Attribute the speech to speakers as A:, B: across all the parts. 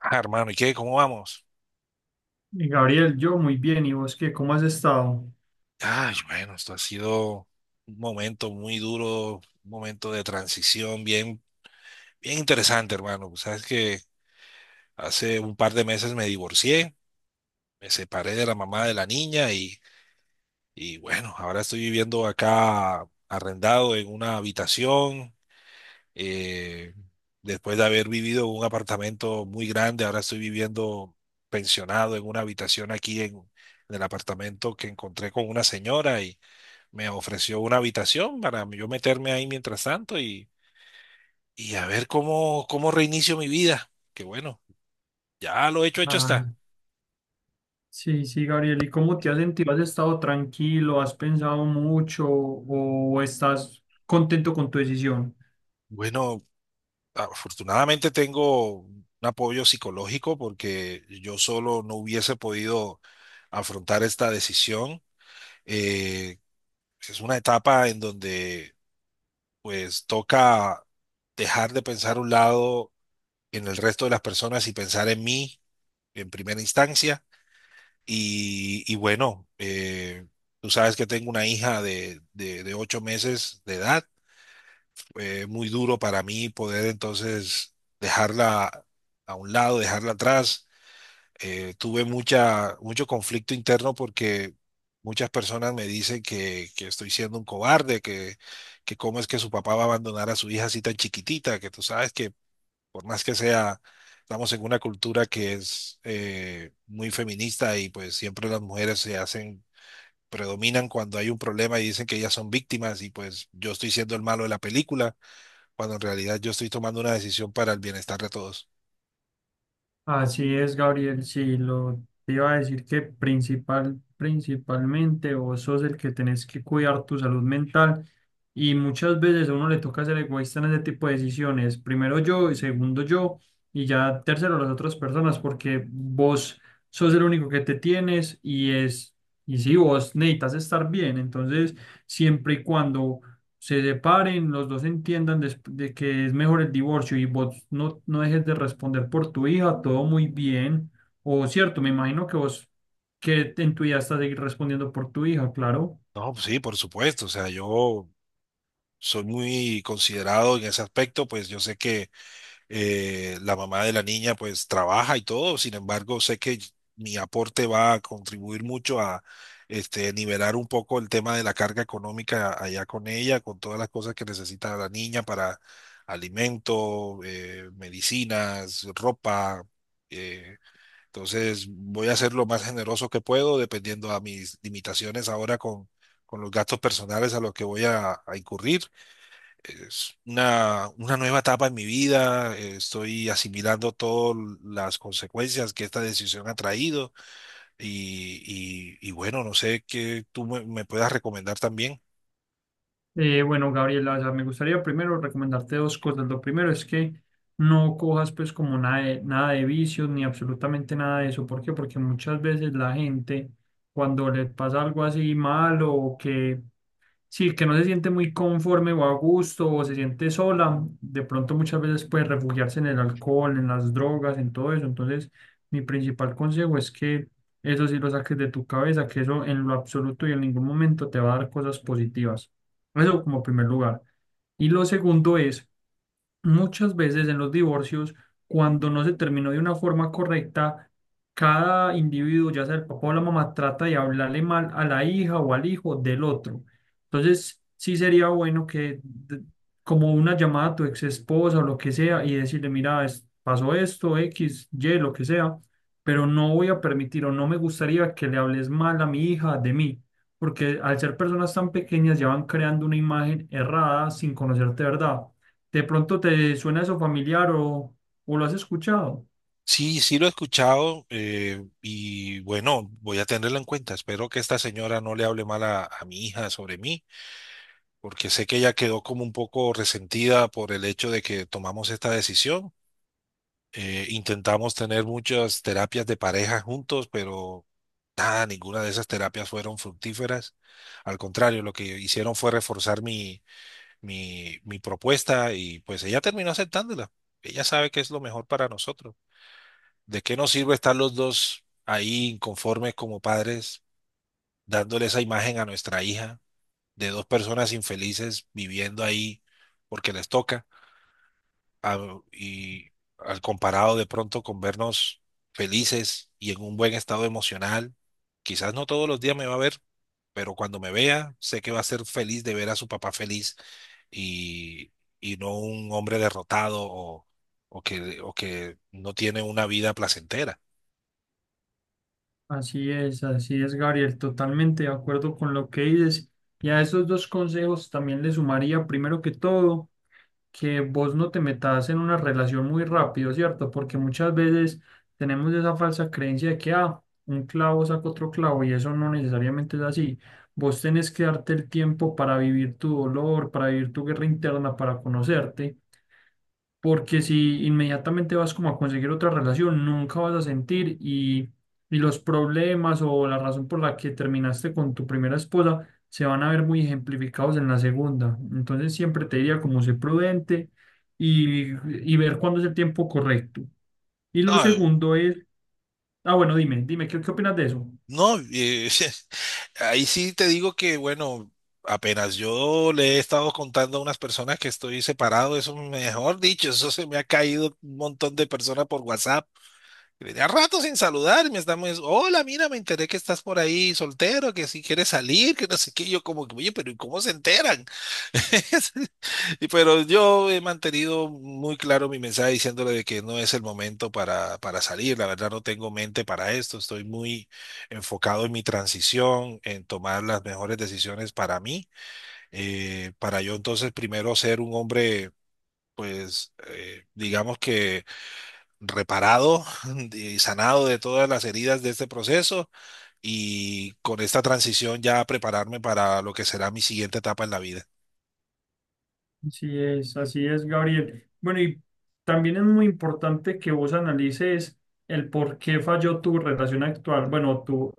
A: Ah, hermano, ¿y qué? ¿Cómo vamos?
B: Y Gabriel, yo muy bien, ¿y vos qué? ¿Cómo has estado?
A: Ay, bueno, esto ha sido un momento muy duro, un momento de transición bien, bien interesante, hermano. Pues sabes que hace un par de meses me divorcié, me separé de la mamá de la niña y bueno, ahora estoy viviendo acá arrendado en una habitación. eh, Después de haber vivido en un apartamento muy grande, ahora estoy viviendo pensionado en una habitación aquí en el apartamento que encontré con una señora me ofreció una habitación para yo meterme ahí mientras tanto y a ver cómo, cómo reinicio mi vida. Que bueno, ya lo hecho, hecho está.
B: Ah, sí, sí, Gabriel, ¿y cómo te has sentido? ¿Has estado tranquilo? ¿Has pensado mucho o estás contento con tu decisión?
A: Bueno, afortunadamente tengo un apoyo psicológico porque yo solo no hubiese podido afrontar esta decisión. Eh, es una etapa en donde pues toca dejar de pensar a un lado en el resto de las personas y pensar en mí en primera instancia. Y bueno, tú sabes que tengo una hija de 8 meses de edad. Muy duro para mí poder entonces dejarla a un lado, dejarla atrás. Tuve mucho conflicto interno porque muchas personas me dicen que estoy siendo un cobarde, que cómo es que su papá va a abandonar a su hija así tan chiquitita, que tú sabes que por más que sea, estamos en una cultura que es muy feminista y pues siempre las mujeres se hacen, predominan cuando hay un problema y dicen que ellas son víctimas y pues yo estoy siendo el malo de la película, cuando en realidad yo estoy tomando una decisión para el bienestar de todos.
B: Así es, Gabriel, sí, lo te iba a decir que principalmente vos sos el que tenés que cuidar tu salud mental. Y muchas veces a uno le toca ser egoísta en ese tipo de decisiones. Primero yo, y segundo yo, y ya tercero las otras personas, porque vos sos el único que te tienes y si vos necesitas estar bien, entonces siempre y cuando se separen, los dos entiendan de que es mejor el divorcio y vos no, no dejes de responder por tu hija, todo muy bien. O cierto, me imagino que vos que en tu vida estás seguir respondiendo por tu hija, claro.
A: No, pues sí, por supuesto, o sea, yo soy muy considerado en ese aspecto, pues yo sé que la mamá de la niña pues trabaja y todo, sin embargo, sé que mi aporte va a contribuir mucho a este, nivelar un poco el tema de la carga económica allá con ella, con todas las cosas que necesita la niña para alimento, medicinas, ropa. eh, entonces voy a ser lo más generoso que puedo, dependiendo a mis limitaciones ahora con los gastos personales a los que voy a incurrir. Es una nueva etapa en mi vida, estoy asimilando todas las consecuencias que esta decisión ha traído y bueno, no sé qué tú me, me puedas recomendar también.
B: Bueno, Gabriela, o sea, me gustaría primero recomendarte dos cosas. Lo primero es que no cojas pues como nada de vicios ni absolutamente nada de eso. ¿Por qué? Porque muchas veces la gente cuando le pasa algo así malo o que sí, que no se siente muy conforme o a gusto o se siente sola, de pronto muchas veces puede refugiarse en el alcohol, en las drogas, en todo eso. Entonces, mi principal consejo es que eso sí lo saques de tu cabeza, que eso en lo absoluto y en ningún momento te va a dar cosas positivas. Eso como primer lugar. Y lo segundo es: muchas veces en los divorcios, cuando no se terminó de una forma correcta, cada individuo, ya sea el papá o la mamá, trata de hablarle mal a la hija o al hijo del otro. Entonces, sí sería bueno que, como una llamada a tu ex esposa o lo que sea, y decirle, mira, pasó esto, X, Y, lo que sea, pero no voy a permitir o no me gustaría que le hables mal a mi hija de mí, porque al ser personas tan pequeñas ya van creando una imagen errada sin conocerte de verdad. De pronto te suena eso familiar o lo has escuchado.
A: Sí, sí lo he escuchado, y bueno, voy a tenerlo en cuenta. Espero que esta señora no le hable mal a mi hija sobre mí, porque sé que ella quedó como un poco resentida por el hecho de que tomamos esta decisión. Intentamos tener muchas terapias de pareja juntos, pero nada, ninguna de esas terapias fueron fructíferas. Al contrario, lo que hicieron fue reforzar mi propuesta y pues ella terminó aceptándola. Ella sabe que es lo mejor para nosotros. ¿De qué nos sirve estar los dos ahí inconformes como padres, dándole esa imagen a nuestra hija de dos personas infelices viviendo ahí porque les toca? Y al comparado de pronto con vernos felices y en un buen estado emocional, quizás no todos los días me va a ver, pero cuando me vea, sé que va a ser feliz de ver a su papá feliz y, y no un hombre derrotado o, o que no tiene una vida placentera.
B: Así es, Gabriel, totalmente de acuerdo con lo que dices. Y a esos dos consejos también le sumaría, primero que todo, que vos no te metas en una relación muy rápido, ¿cierto? Porque muchas veces tenemos esa falsa creencia de que, ah, un clavo saca otro clavo y eso no necesariamente es así. Vos tenés que darte el tiempo para vivir tu dolor, para vivir tu guerra interna, para conocerte. Porque si inmediatamente vas como a conseguir otra relación, nunca vas a sentir y los problemas o la razón por la que terminaste con tu primera esposa se van a ver muy ejemplificados en la segunda. Entonces siempre te diría como ser prudente y, y ver cuándo es el tiempo correcto. Y lo
A: No.
B: segundo es, ah, bueno, dime, dime, qué opinas de eso?
A: No, ahí sí te digo que, bueno, apenas yo le he estado contando a unas personas que estoy separado, eso mejor dicho, eso se me ha caído un montón de personas por WhatsApp. Tenía rato sin saludar, y me estamos, hola, mira, me enteré que estás por ahí soltero, que si quieres salir, que no sé qué. Y yo como, que, oye, pero ¿y cómo se enteran? Y pero yo he mantenido muy claro mi mensaje diciéndole de que no es el momento para salir. La verdad no tengo mente para esto. Estoy muy enfocado en mi transición, en tomar las mejores decisiones para mí, para yo entonces primero ser un hombre, pues, digamos que reparado y sanado de todas las heridas de este proceso y con esta transición ya prepararme para lo que será mi siguiente etapa en la vida.
B: Así es, Gabriel. Bueno, y también es muy importante que vos analices el por qué falló tu relación actual, bueno, tu,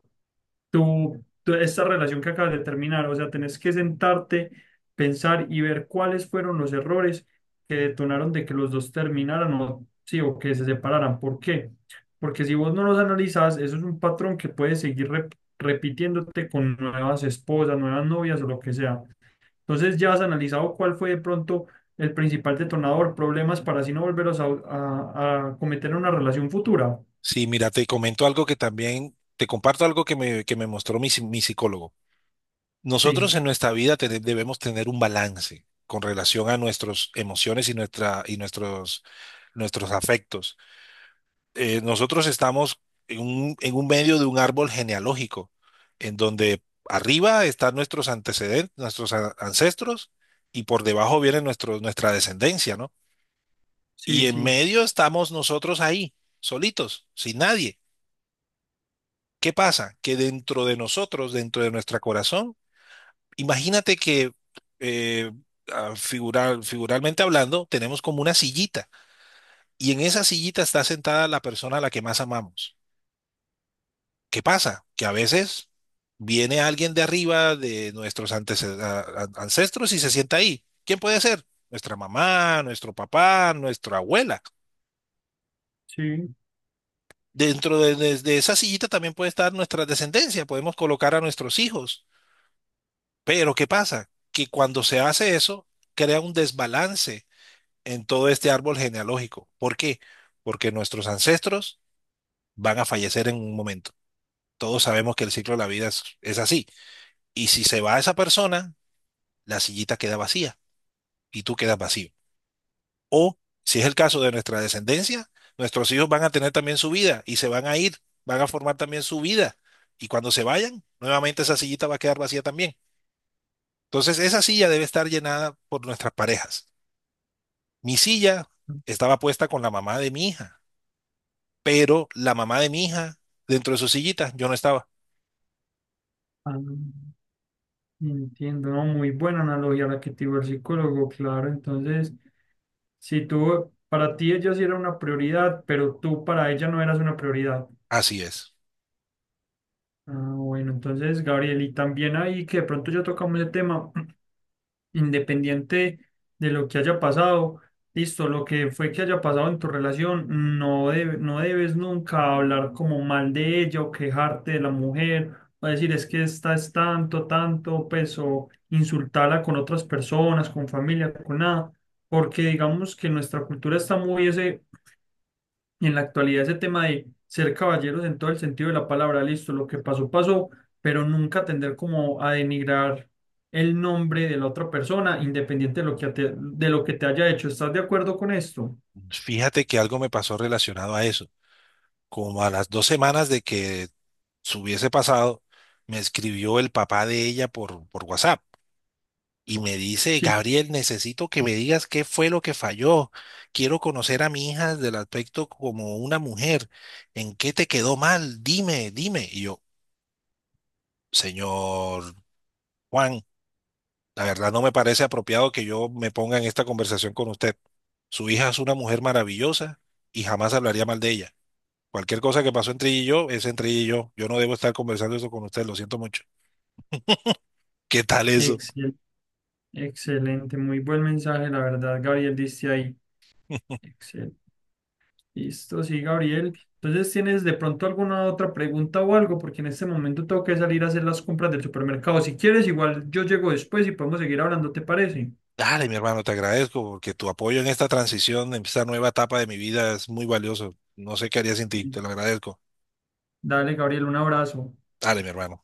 B: tú, tú- esta relación que acabas de terminar, o sea, tenés que sentarte, pensar y ver cuáles fueron los errores que detonaron de que los dos terminaran o, sí, o que se separaran. ¿Por qué? Porque si vos no los analizas eso es un patrón que puedes seguir repitiéndote con nuevas esposas, nuevas novias o lo que sea. Entonces ya has analizado cuál fue de pronto el principal detonador, problemas para así no volveros a, a cometer en una relación futura.
A: Sí, mira, te comento algo que también, te comparto algo que me mostró mi, mi psicólogo.
B: Sí,
A: Nosotros en nuestra vida debemos tener un balance con relación a nuestras emociones y, nuestra, y nuestros, nuestros afectos. Nosotros estamos en un medio de un árbol genealógico, en donde arriba están nuestros antecedentes, nuestros ancestros, y por debajo viene nuestro, nuestra descendencia, ¿no?
B: sí,
A: Y en
B: sí,
A: medio estamos nosotros ahí, solitos, sin nadie. ¿Qué pasa? Que dentro de nosotros, dentro de nuestro corazón, imagínate que eh, ah, figuralmente hablando, tenemos como una sillita y en esa sillita está sentada la persona a la que más amamos. ¿Qué pasa? Que a veces viene alguien de arriba de nuestros ancestros y se sienta ahí. ¿Quién puede ser? Nuestra mamá, nuestro papá, nuestra abuela.
B: sí.
A: Dentro de, de esa sillita también puede estar nuestra descendencia. Podemos colocar a nuestros hijos. Pero ¿qué pasa? Que cuando se hace eso, crea un desbalance en todo este árbol genealógico. ¿Por qué? Porque nuestros ancestros van a fallecer en un momento. Todos sabemos que el ciclo de la vida es así. Y si se va esa persona, la sillita queda vacía y tú quedas vacío. O si es el caso de nuestra descendencia, nuestros hijos van a tener también su vida y se van a ir, van a formar también su vida. Y cuando se vayan, nuevamente esa sillita va a quedar vacía también. Entonces, esa silla debe estar llenada por nuestras parejas. Mi silla estaba puesta con la mamá de mi hija, pero la mamá de mi hija dentro de su sillita, yo no estaba.
B: Ah, entiendo, ¿no? Muy buena analogía la que te dio el psicólogo, claro. Entonces, si tú, para ti ella sí era una prioridad, pero tú para ella no eras una prioridad.
A: Así es.
B: Ah, bueno, entonces, Gabriel, y también ahí que de pronto ya tocamos el tema, independiente de lo que haya pasado, listo, lo que fue que haya pasado en tu relación, no, no debes nunca hablar como mal de ella o quejarte de la mujer o decir es que esta es tanto, tanto, pues o insultarla con otras personas, con familia, con nada, porque digamos que nuestra cultura está muy ese en la actualidad ese tema de ser caballeros en todo el sentido de la palabra, listo, lo que pasó, pasó, pero nunca tender como a denigrar el nombre de la otra persona, independiente de lo que te, de lo que te haya hecho. ¿Estás de acuerdo con esto?
A: Fíjate que algo me pasó relacionado a eso. Como a las 2 semanas de que se hubiese pasado, me escribió el papá de ella por WhatsApp y me dice,
B: Sí.
A: Gabriel, necesito que me digas qué fue lo que falló. Quiero conocer a mi hija del aspecto como una mujer. ¿En qué te quedó mal? Dime, dime. Y yo, señor Juan, la verdad no me parece apropiado que yo me ponga en esta conversación con usted. Su hija es una mujer maravillosa y jamás hablaría mal de ella. Cualquier cosa que pasó entre ella y yo es entre ella y yo. Yo no debo estar conversando eso con usted, lo siento mucho. ¿Qué tal eso?
B: Excel, excelente, muy buen mensaje, la verdad, Gabriel, dice ahí. Excel. Listo, sí, Gabriel. Entonces, ¿tienes de pronto alguna otra pregunta o algo? Porque en este momento tengo que salir a hacer las compras del supermercado. Si quieres, igual yo llego después y podemos seguir hablando, ¿te parece?
A: Dale, mi hermano, te agradezco porque tu apoyo en esta transición, en esta nueva etapa de mi vida es muy valioso. No sé qué haría sin ti, te lo agradezco.
B: Dale, Gabriel, un abrazo.
A: Dale, mi hermano.